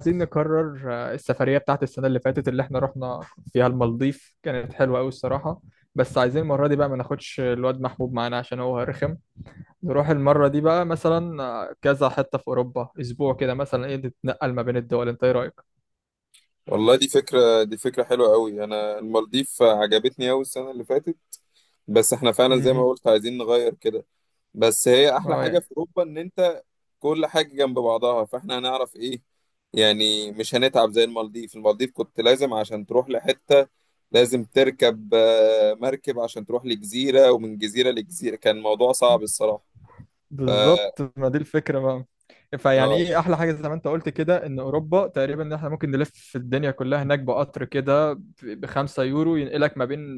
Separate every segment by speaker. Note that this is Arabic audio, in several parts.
Speaker 1: عايزين نكرر السفرية بتاعت السنة اللي فاتت اللي احنا رحنا فيها المالديف كانت حلوة أوي الصراحة. بس عايزين المرة دي بقى ما ناخدش الواد محبوب معانا عشان هو رخم. نروح المرة دي بقى مثلا كذا حتة في أوروبا، أسبوع كده مثلا، ايه، نتنقل ما بين الدول. انت ايه رأيك؟
Speaker 2: والله، دي فكرة حلوة قوي. أنا المالديف عجبتني أوي السنة اللي فاتت. بس إحنا فعلا زي ما
Speaker 1: مهم.
Speaker 2: قلت عايزين نغير كده. بس هي أحلى حاجة
Speaker 1: اه.
Speaker 2: في أوروبا إن أنت كل حاجة جنب بعضها، فإحنا هنعرف إيه يعني، مش هنتعب زي المالديف كنت لازم عشان تروح لحتة لازم تركب مركب عشان تروح لجزيرة، ومن جزيرة لجزيرة. كان الموضوع صعب الصراحة. ف
Speaker 1: بالظبط، ما دي الفكرة بقى. فيعني
Speaker 2: آه،
Speaker 1: ايه احلى حاجة زي ما انت قلت كده، ان اوروبا تقريبا ان احنا ممكن نلف في الدنيا كلها هناك بقطر كده ب5 يورو ينقلك ما بين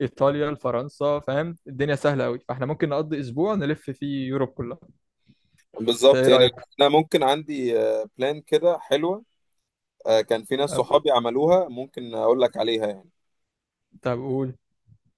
Speaker 1: ايطاليا لفرنسا، فاهم، الدنيا سهلة قوي، فاحنا ممكن نقضي اسبوع نلف فيه يوروب كلها. انت
Speaker 2: بالظبط
Speaker 1: ايه
Speaker 2: يعني.
Speaker 1: رأيك؟
Speaker 2: أنا ممكن عندي بلان كده حلوة. كان في ناس
Speaker 1: طب
Speaker 2: صحابي عملوها، ممكن اقول لك عليها يعني.
Speaker 1: طب قول.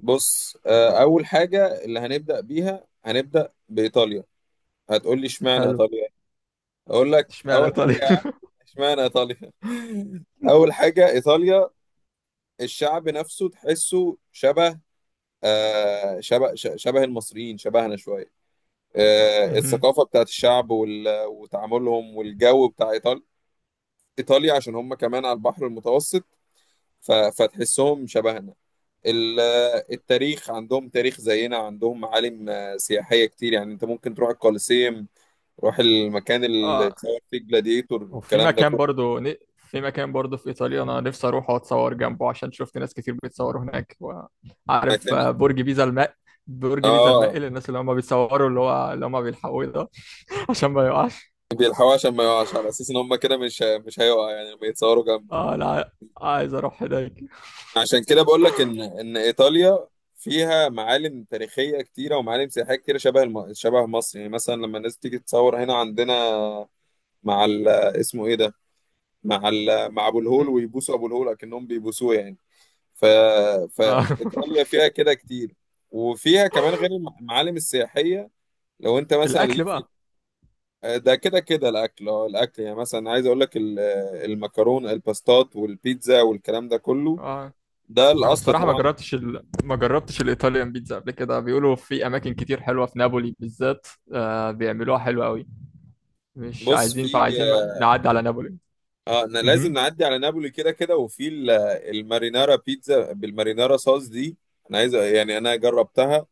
Speaker 2: بص، اول حاجه اللي هنبدا بيها هنبدا بايطاليا. هتقول لي اشمعنى
Speaker 1: حلو.
Speaker 2: ايطاليا؟ اقول لك
Speaker 1: اشمعنى
Speaker 2: اول
Speaker 1: ايطاليا؟
Speaker 2: حاجه اشمعنى ايطاليا. اول حاجه ايطاليا، الشعب نفسه تحسه شبه المصريين، شبهنا شويه.
Speaker 1: مهم.
Speaker 2: الثقافه بتاعت الشعب وتعاملهم والجو بتاع ايطاليا عشان هم كمان على البحر المتوسط، فتحسهم شبهنا. ال- التاريخ عندهم تاريخ زينا، عندهم معالم سياحية كتير. يعني انت ممكن تروح الكوليسيوم، تروح المكان اللي
Speaker 1: اه.
Speaker 2: اتصور فيه جلاديتور
Speaker 1: وفي
Speaker 2: والكلام ده
Speaker 1: مكان
Speaker 2: كله.
Speaker 1: برضو ن- في مكان برضو في إيطاليا أنا نفسي أروح وأتصور جنبه، عشان شفت ناس كتير بيتصوروا هناك وعارف،
Speaker 2: مكان
Speaker 1: برج بيزا
Speaker 2: اه
Speaker 1: المائل، الناس اللي هم بيتصوروا اللي هو اللي هم بيلحقوه ده. عشان ما يقعش.
Speaker 2: بيلحقوا عشان ما يقعش، على اساس ان هم كده مش هيقع يعني لما يتصوروا جنبه.
Speaker 1: اه لا، عايز أروح هناك.
Speaker 2: عشان كده بقول لك ان ايطاليا فيها معالم تاريخية كتيرة ومعالم سياحية كتيرة، شبه مصر. يعني مثلا لما الناس تيجي تتصور هنا عندنا اسمه ايه ده؟ مع ابو الهول، ويبوسوا ابو الهول اكنهم بيبوسوه يعني. ف...
Speaker 1: آه.
Speaker 2: فإيطاليا فيها كده كتير. وفيها كمان غير المعالم السياحية، لو أنت مثلا
Speaker 1: الأكل
Speaker 2: ليك في
Speaker 1: بقى.
Speaker 2: ده، كده كده الأكل. الأكل، يعني مثلا عايز أقول لك المكرون، الباستات، والبيتزا، والكلام ده كله.
Speaker 1: آه.
Speaker 2: ده
Speaker 1: أنا
Speaker 2: الأصل
Speaker 1: الصراحة
Speaker 2: طبعا.
Speaker 1: ما جربتش الإيطاليان بيتزا قبل كده، بيقولوا في أماكن كتير حلوة في نابولي بالذات، آه، بيعملوها حلوة أوي. مش
Speaker 2: بص، في
Speaker 1: عايزين، فعايزين نعدي على نابولي.
Speaker 2: اه آه، أنا لازم
Speaker 1: مهم.
Speaker 2: نعدي على نابولي كده كده. وفي المارينارا، بيتزا بالمارينارا صوص دي، أنا عايز يعني أنا جربتها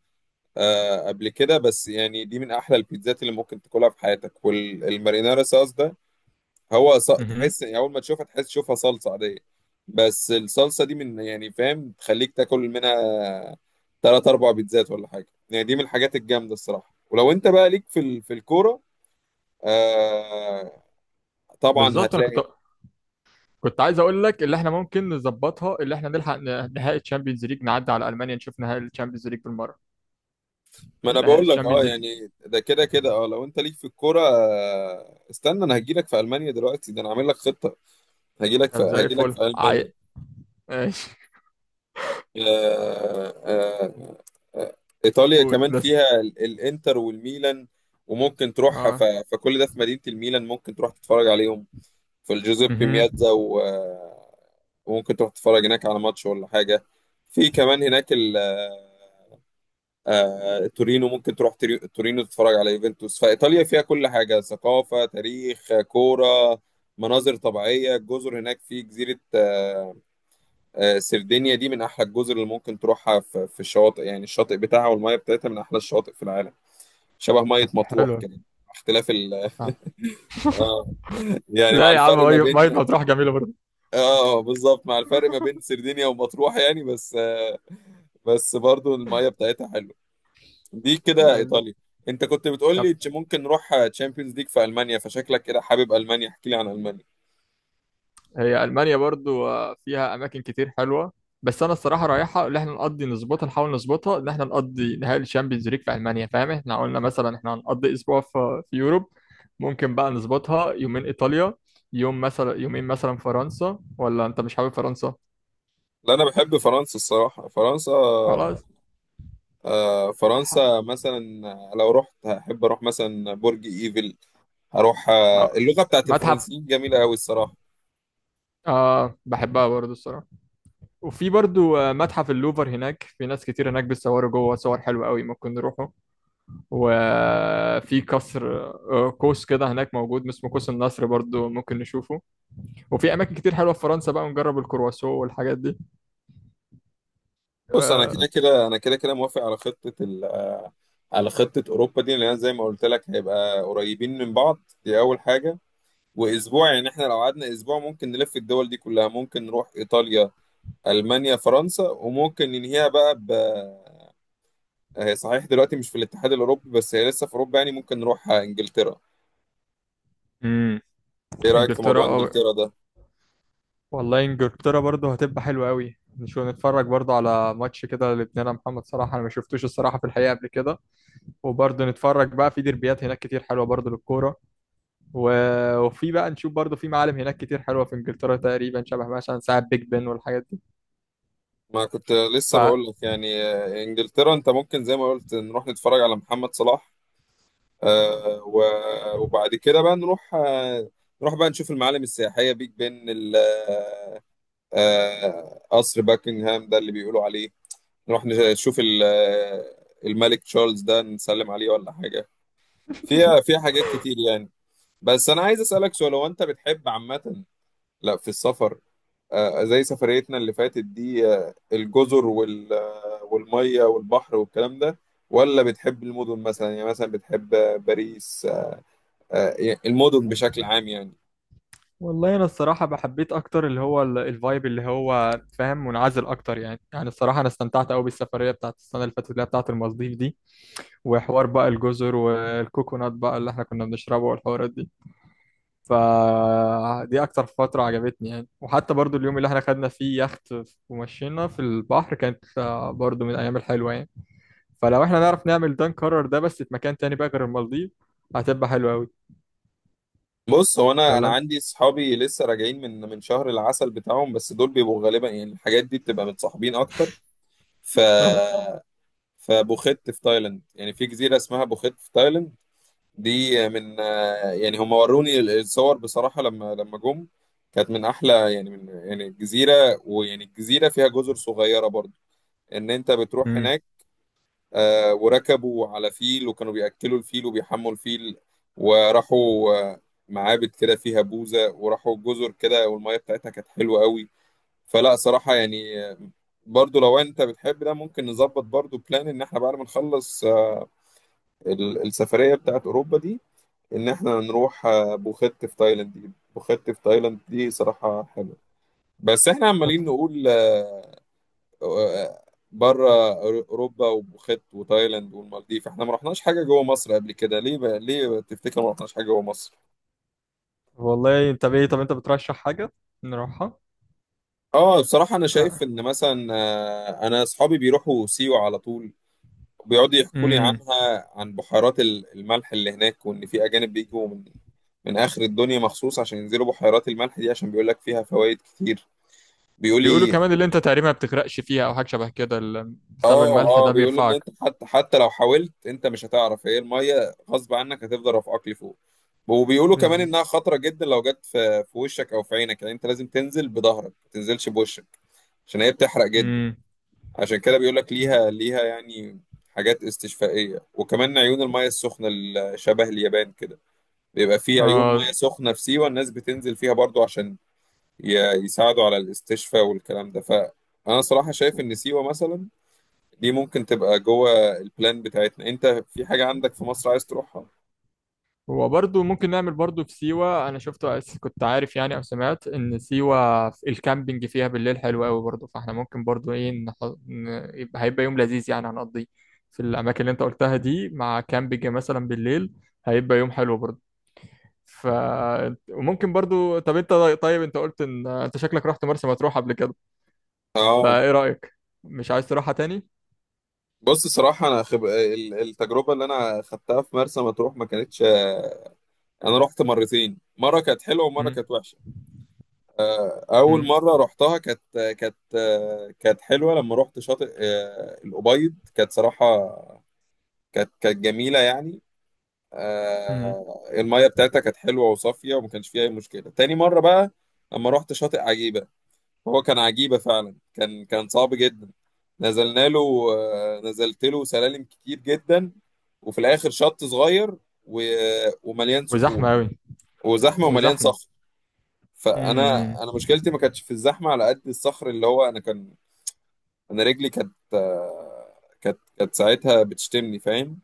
Speaker 2: قبل كده. بس يعني دي من أحلى البيتزات اللي ممكن تاكلها في حياتك. والمارينارا صوص ده، هو
Speaker 1: مهم.
Speaker 2: تحس يعني اول ما تشوفها تحس تشوفها صلصه عاديه. بس الصلصه دي من يعني، فاهم، تخليك تاكل منها تلات اربع بيتزات ولا حاجه. يعني دي من الحاجات الجامده الصراحه. ولو انت بقى ليك في في الكوره، آه... طبعا
Speaker 1: بالظبط. انا كنت
Speaker 2: هتلاقي.
Speaker 1: كنت عايز اقول لك اللي احنا ممكن نظبطها، اللي احنا نلحق نهائي الشامبيونز ليج، نعدي على المانيا نشوف نهائي الشامبيونز ليج بالمره.
Speaker 2: ما انا
Speaker 1: نهائي
Speaker 2: بقول لك،
Speaker 1: الشامبيونز ليج.
Speaker 2: يعني ده كده كده، لو انت ليك في الكوره، استنى، انا هجيلك في المانيا دلوقتي، ده انا عامل لك خطه. هجيلك في
Speaker 1: طب زي
Speaker 2: هجيلك
Speaker 1: الفل.
Speaker 2: في المانيا.
Speaker 1: عاي، ماشي.
Speaker 2: آه، آه، آه، آه، ايطاليا
Speaker 1: قول
Speaker 2: كمان
Speaker 1: بس.
Speaker 2: فيها الانتر والميلان، وممكن تروح
Speaker 1: اه.
Speaker 2: فكل ده في مدينة الميلان. ممكن تروح تتفرج عليهم في الجوزيبي
Speaker 1: مهم.
Speaker 2: مياتزا، وممكن تروح تتفرج هناك على ماتش ولا حاجة. في كمان هناك تورينو. ممكن تروح تورينو تتفرج على يوفنتوس. فإيطاليا فيها كل حاجة: ثقافة، تاريخ، كورة، مناظر طبيعية، الجزر هناك. في جزيرة سردينيا، دي من احلى الجزر اللي ممكن تروحها. في الشواطئ يعني، الشاطئ بتاعها والميه بتاعتها من احلى الشواطئ في العالم. شبه ميه
Speaker 1: طب
Speaker 2: مطروح
Speaker 1: حلو.
Speaker 2: كده. اختلاف ال.
Speaker 1: آه.
Speaker 2: اه، يعني مع
Speaker 1: لا يا عم،
Speaker 2: الفرق ما
Speaker 1: ميه مية
Speaker 2: بين.
Speaker 1: مطروح جميله برضه.
Speaker 2: اه بالظبط، مع الفرق ما بين سردينيا ومطروح يعني، بس بس برضو الميه بتاعتها حلوه. دي كده
Speaker 1: لا لا.
Speaker 2: ايطاليا. انت كنت بتقول لي
Speaker 1: طب.
Speaker 2: ممكن نروح تشامبيونز ليج في المانيا، فشكلك كده حابب المانيا، احكي لي عن المانيا.
Speaker 1: هي ألمانيا برضو فيها أماكن كتير حلوة، بس أنا الصراحة رايحة اللي احنا نقضي نظبطها، نحاول نظبطها إن احنا نقضي نهائي الشامبيونز ليج في ألمانيا، فاهم. احنا قلنا مثلا احنا هنقضي أسبوع في يوروب. ممكن بقى نظبطها يومين إيطاليا، يوم مثلا، يومين مثلا فرنسا، ولا أنت مش حابب فرنسا؟
Speaker 2: لا انا بحب فرنسا الصراحه. فرنسا
Speaker 1: خلاص. ح-
Speaker 2: فرنسا مثلا، لو رحت هحب اروح مثلا برج ايفل. هروح
Speaker 1: آه،
Speaker 2: اللغه بتاعت
Speaker 1: متحف
Speaker 2: الفرنسيين جميله قوي الصراحه.
Speaker 1: آه بحبها برضو الصراحة. وفي برضو متحف اللوفر هناك، في ناس كتير هناك بتصوروا جوه صور حلوة قوي، ممكن نروحوا. وفي قصر، قوس كده هناك موجود اسمه قوس النصر برضو ممكن نشوفه. وفي اماكن كتير حلوه في فرنسا، بقى نجرب الكرواسون والحاجات دي.
Speaker 2: بص، انا كده
Speaker 1: آه،
Speaker 2: كده انا كده كده موافق على خطه ال آه، على خطه اوروبا دي، لان زي ما قلت لك هيبقى قريبين من بعض، دي اول حاجه. واسبوع يعني احنا لو قعدنا اسبوع ممكن نلف الدول دي كلها. ممكن نروح ايطاليا، المانيا، فرنسا، وممكن ننهيها بقى هي صحيح دلوقتي مش في الاتحاد الاوروبي، بس هي لسه في اوروبا، يعني ممكن نروح انجلترا.
Speaker 1: امم.
Speaker 2: ايه رايك في
Speaker 1: انجلترا.
Speaker 2: موضوع انجلترا ده؟
Speaker 1: والله انجلترا برضو هتبقى حلوه قوي، نشوف نتفرج برضو على ماتش كده لابننا محمد صلاح، انا ما شفتوش الصراحه في الحقيقه قبل كده. وبرضو نتفرج بقى في ديربيات هناك كتير حلوه برضو للكوره. وفي بقى نشوف برضو في معالم هناك كتير حلوه في انجلترا، تقريبا شبه مثلا ساعه بيج بن والحاجات دي.
Speaker 2: ما كنت
Speaker 1: ف
Speaker 2: لسه بقول لك يعني، انجلترا انت ممكن زي ما قلت نروح نتفرج على محمد صلاح. وبعد كده بقى نروح، نروح بقى نشوف المعالم السياحية: بيج بن، قصر باكنغهام ده اللي بيقولوا عليه. نروح نشوف الملك تشارلز ده نسلم عليه ولا حاجة. فيها فيها حاجات كتير يعني. بس انا عايز اسألك سؤال. هو انت بتحب عامة، لا، في السفر زي سفريتنا اللي فاتت دي، الجزر والمية والبحر والكلام ده، ولا بتحب المدن مثلا؟ يعني مثلا بتحب باريس، يعني المدن بشكل عام يعني.
Speaker 1: والله انا الصراحه بحبيت اكتر اللي هو الفايب اللي هو فاهم منعزل اكتر يعني. يعني الصراحه انا استمتعت قوي بالسفريه بتاعت السنه اللي فاتت اللي هي بتاعت المالديف دي، وحوار بقى الجزر والكوكونات بقى اللي احنا كنا بنشربه والحوارات دي. فدي اكتر فتره عجبتني يعني. وحتى برضو اليوم اللي احنا خدنا فيه يخت ومشينا في البحر كانت برضو من الايام الحلوه يعني. فلو احنا نعرف نعمل ده، نكرر ده بس في مكان تاني بقى غير المالديف، هتبقى حلوه قوي.
Speaker 2: بص، هو انا
Speaker 1: ولا
Speaker 2: انا
Speaker 1: انت.
Speaker 2: عندي صحابي لسه راجعين من شهر العسل بتاعهم، بس دول بيبقوا غالبا يعني الحاجات دي بتبقى متصاحبين اكتر. ف فبوخت في تايلاند، يعني في جزيرة اسمها بوخت في تايلاند، دي من يعني هم وروني الصور بصراحة لما جم. كانت من أحلى يعني، من يعني الجزيرة، ويعني الجزيرة فيها جزر صغيرة برضو إن أنت بتروح
Speaker 1: مم.
Speaker 2: هناك. وركبوا على فيل وكانوا بيأكلوا الفيل وبيحموا الفيل، وراحوا آه، معابد كده فيها بوزة، وراحوا جزر كده، والمية بتاعتها كانت حلوة قوي. فلا صراحة يعني، برضو لو أنت بتحب ده ممكن نظبط برضو بلان إن إحنا بعد ما نخلص السفرية بتاعت أوروبا دي، ان احنا نروح بوخت في تايلاند. دي بوخت في تايلاند دي صراحة حلوة. بس احنا عمالين نقول آه، بره اوروبا وبوخت وتايلاند والمالديف، احنا ما رحناش حاجة جوه مصر قبل كده. ليه بقى؟ ليه تفتكر ما رحناش حاجة جوه مصر؟
Speaker 1: والله طب ايه، طب انت بترشح حاجة نروحها؟
Speaker 2: اه بصراحة انا
Speaker 1: آه.
Speaker 2: شايف ان مثلا، انا اصحابي بيروحوا سيوة على طول. بيقعدوا يحكوا لي
Speaker 1: امم.
Speaker 2: عنها، عن بحيرات الملح اللي هناك، وان في اجانب بيجوا من اخر الدنيا مخصوص عشان ينزلوا بحيرات الملح دي، عشان بيقول لك فيها فوائد كتير. بيقول
Speaker 1: بيقولوا
Speaker 2: لي،
Speaker 1: كمان اللي انت تقريبا ما بتغرقش فيها، او حاجة شبه كده، بسبب
Speaker 2: اه،
Speaker 1: الملح
Speaker 2: اه،
Speaker 1: ده
Speaker 2: بيقولوا ان
Speaker 1: بيرفعك.
Speaker 2: انت حتى لو حاولت انت مش هتعرف. هي الميه غصب عنك هتفضل رافعاك لفوق. وبيقولوا كمان
Speaker 1: بز...
Speaker 2: انها خطره جدا لو جت في وشك او في عينك، يعني انت لازم تنزل بظهرك ما تنزلش بوشك عشان هي بتحرق جدا.
Speaker 1: امم.
Speaker 2: عشان كده بيقول لك
Speaker 1: أمم.
Speaker 2: ليها يعني حاجات استشفائيه. وكمان عيون الميه السخنه، شبه اليابان كده بيبقى في عيون ميه
Speaker 1: آه.
Speaker 2: سخنه في سيوه، الناس بتنزل فيها برضو عشان ي- يساعدوا على الاستشفاء والكلام ده. فانا صراحه شايف ان سيوه مثلا دي ممكن تبقى جوه البلان بتاعتنا. انت في حاجة عندك في مصر عايز تروحها؟
Speaker 1: هو برضو ممكن نعمل برضو في سيوة. انا شفت، كنت عارف يعني، او سمعت ان سيوة في الكامبينج فيها بالليل حلو قوي برضو، فاحنا ممكن برضو ايه ن... يبقى هيبقى يوم لذيذ يعني هنقضيه في الاماكن اللي انت قلتها دي، مع كامبينج مثلا بالليل، هيبقى يوم حلو برضو. ف وممكن برضو، طب انت طيب انت قلت ان انت شكلك رحت مرسى مطروح قبل كده،
Speaker 2: اه،
Speaker 1: فايه رأيك، مش عايز تروحها تاني؟
Speaker 2: بص صراحة، انا التجربة اللي انا خدتها في مرسى مطروح ما كانتش انا رحت مرتين، مرة كانت حلوة ومرة
Speaker 1: امم.
Speaker 2: كانت وحشة. اول
Speaker 1: امم.
Speaker 2: مرة رحتها كانت حلوة لما رحت شاطئ الأبيض. كانت صراحة كانت جميلة يعني.
Speaker 1: امم.
Speaker 2: المية بتاعتها كانت حلوة وصافية وما كانش فيها اي مشكلة. تاني مرة بقى لما رحت شاطئ عجيبة، هو كان عجيبة فعلا، كان صعب جدا. نزلنا له آه، نزلت له سلالم كتير جدا، وفي الآخر شط صغير و... ومليان صخور
Speaker 1: وزحمة قوي.
Speaker 2: وزحمة، ومليان
Speaker 1: وزحمة.
Speaker 2: صخر. فأنا
Speaker 1: امم.
Speaker 2: أنا مشكلتي ما كانتش في الزحمة على قد الصخر. اللي هو أنا رجلي كانت كانت ساعتها بتشتمني فاهم.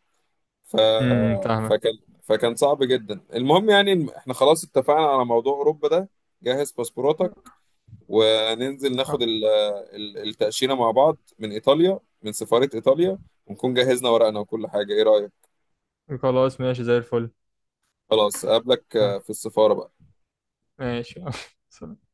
Speaker 2: ف...
Speaker 1: امم، فاهمك.
Speaker 2: فكان فكان صعب جدا. المهم يعني إن إحنا خلاص اتفقنا على موضوع أوروبا ده. جهز باسبوراتك وننزل ناخد التأشيرة مع بعض من إيطاليا، من سفارة إيطاليا، ونكون جهزنا ورقنا وكل حاجة. إيه رأيك؟
Speaker 1: خلاص ماشي زي الفل.
Speaker 2: خلاص أقابلك
Speaker 1: يلا،
Speaker 2: في السفارة بقى.
Speaker 1: ماشي. سلام.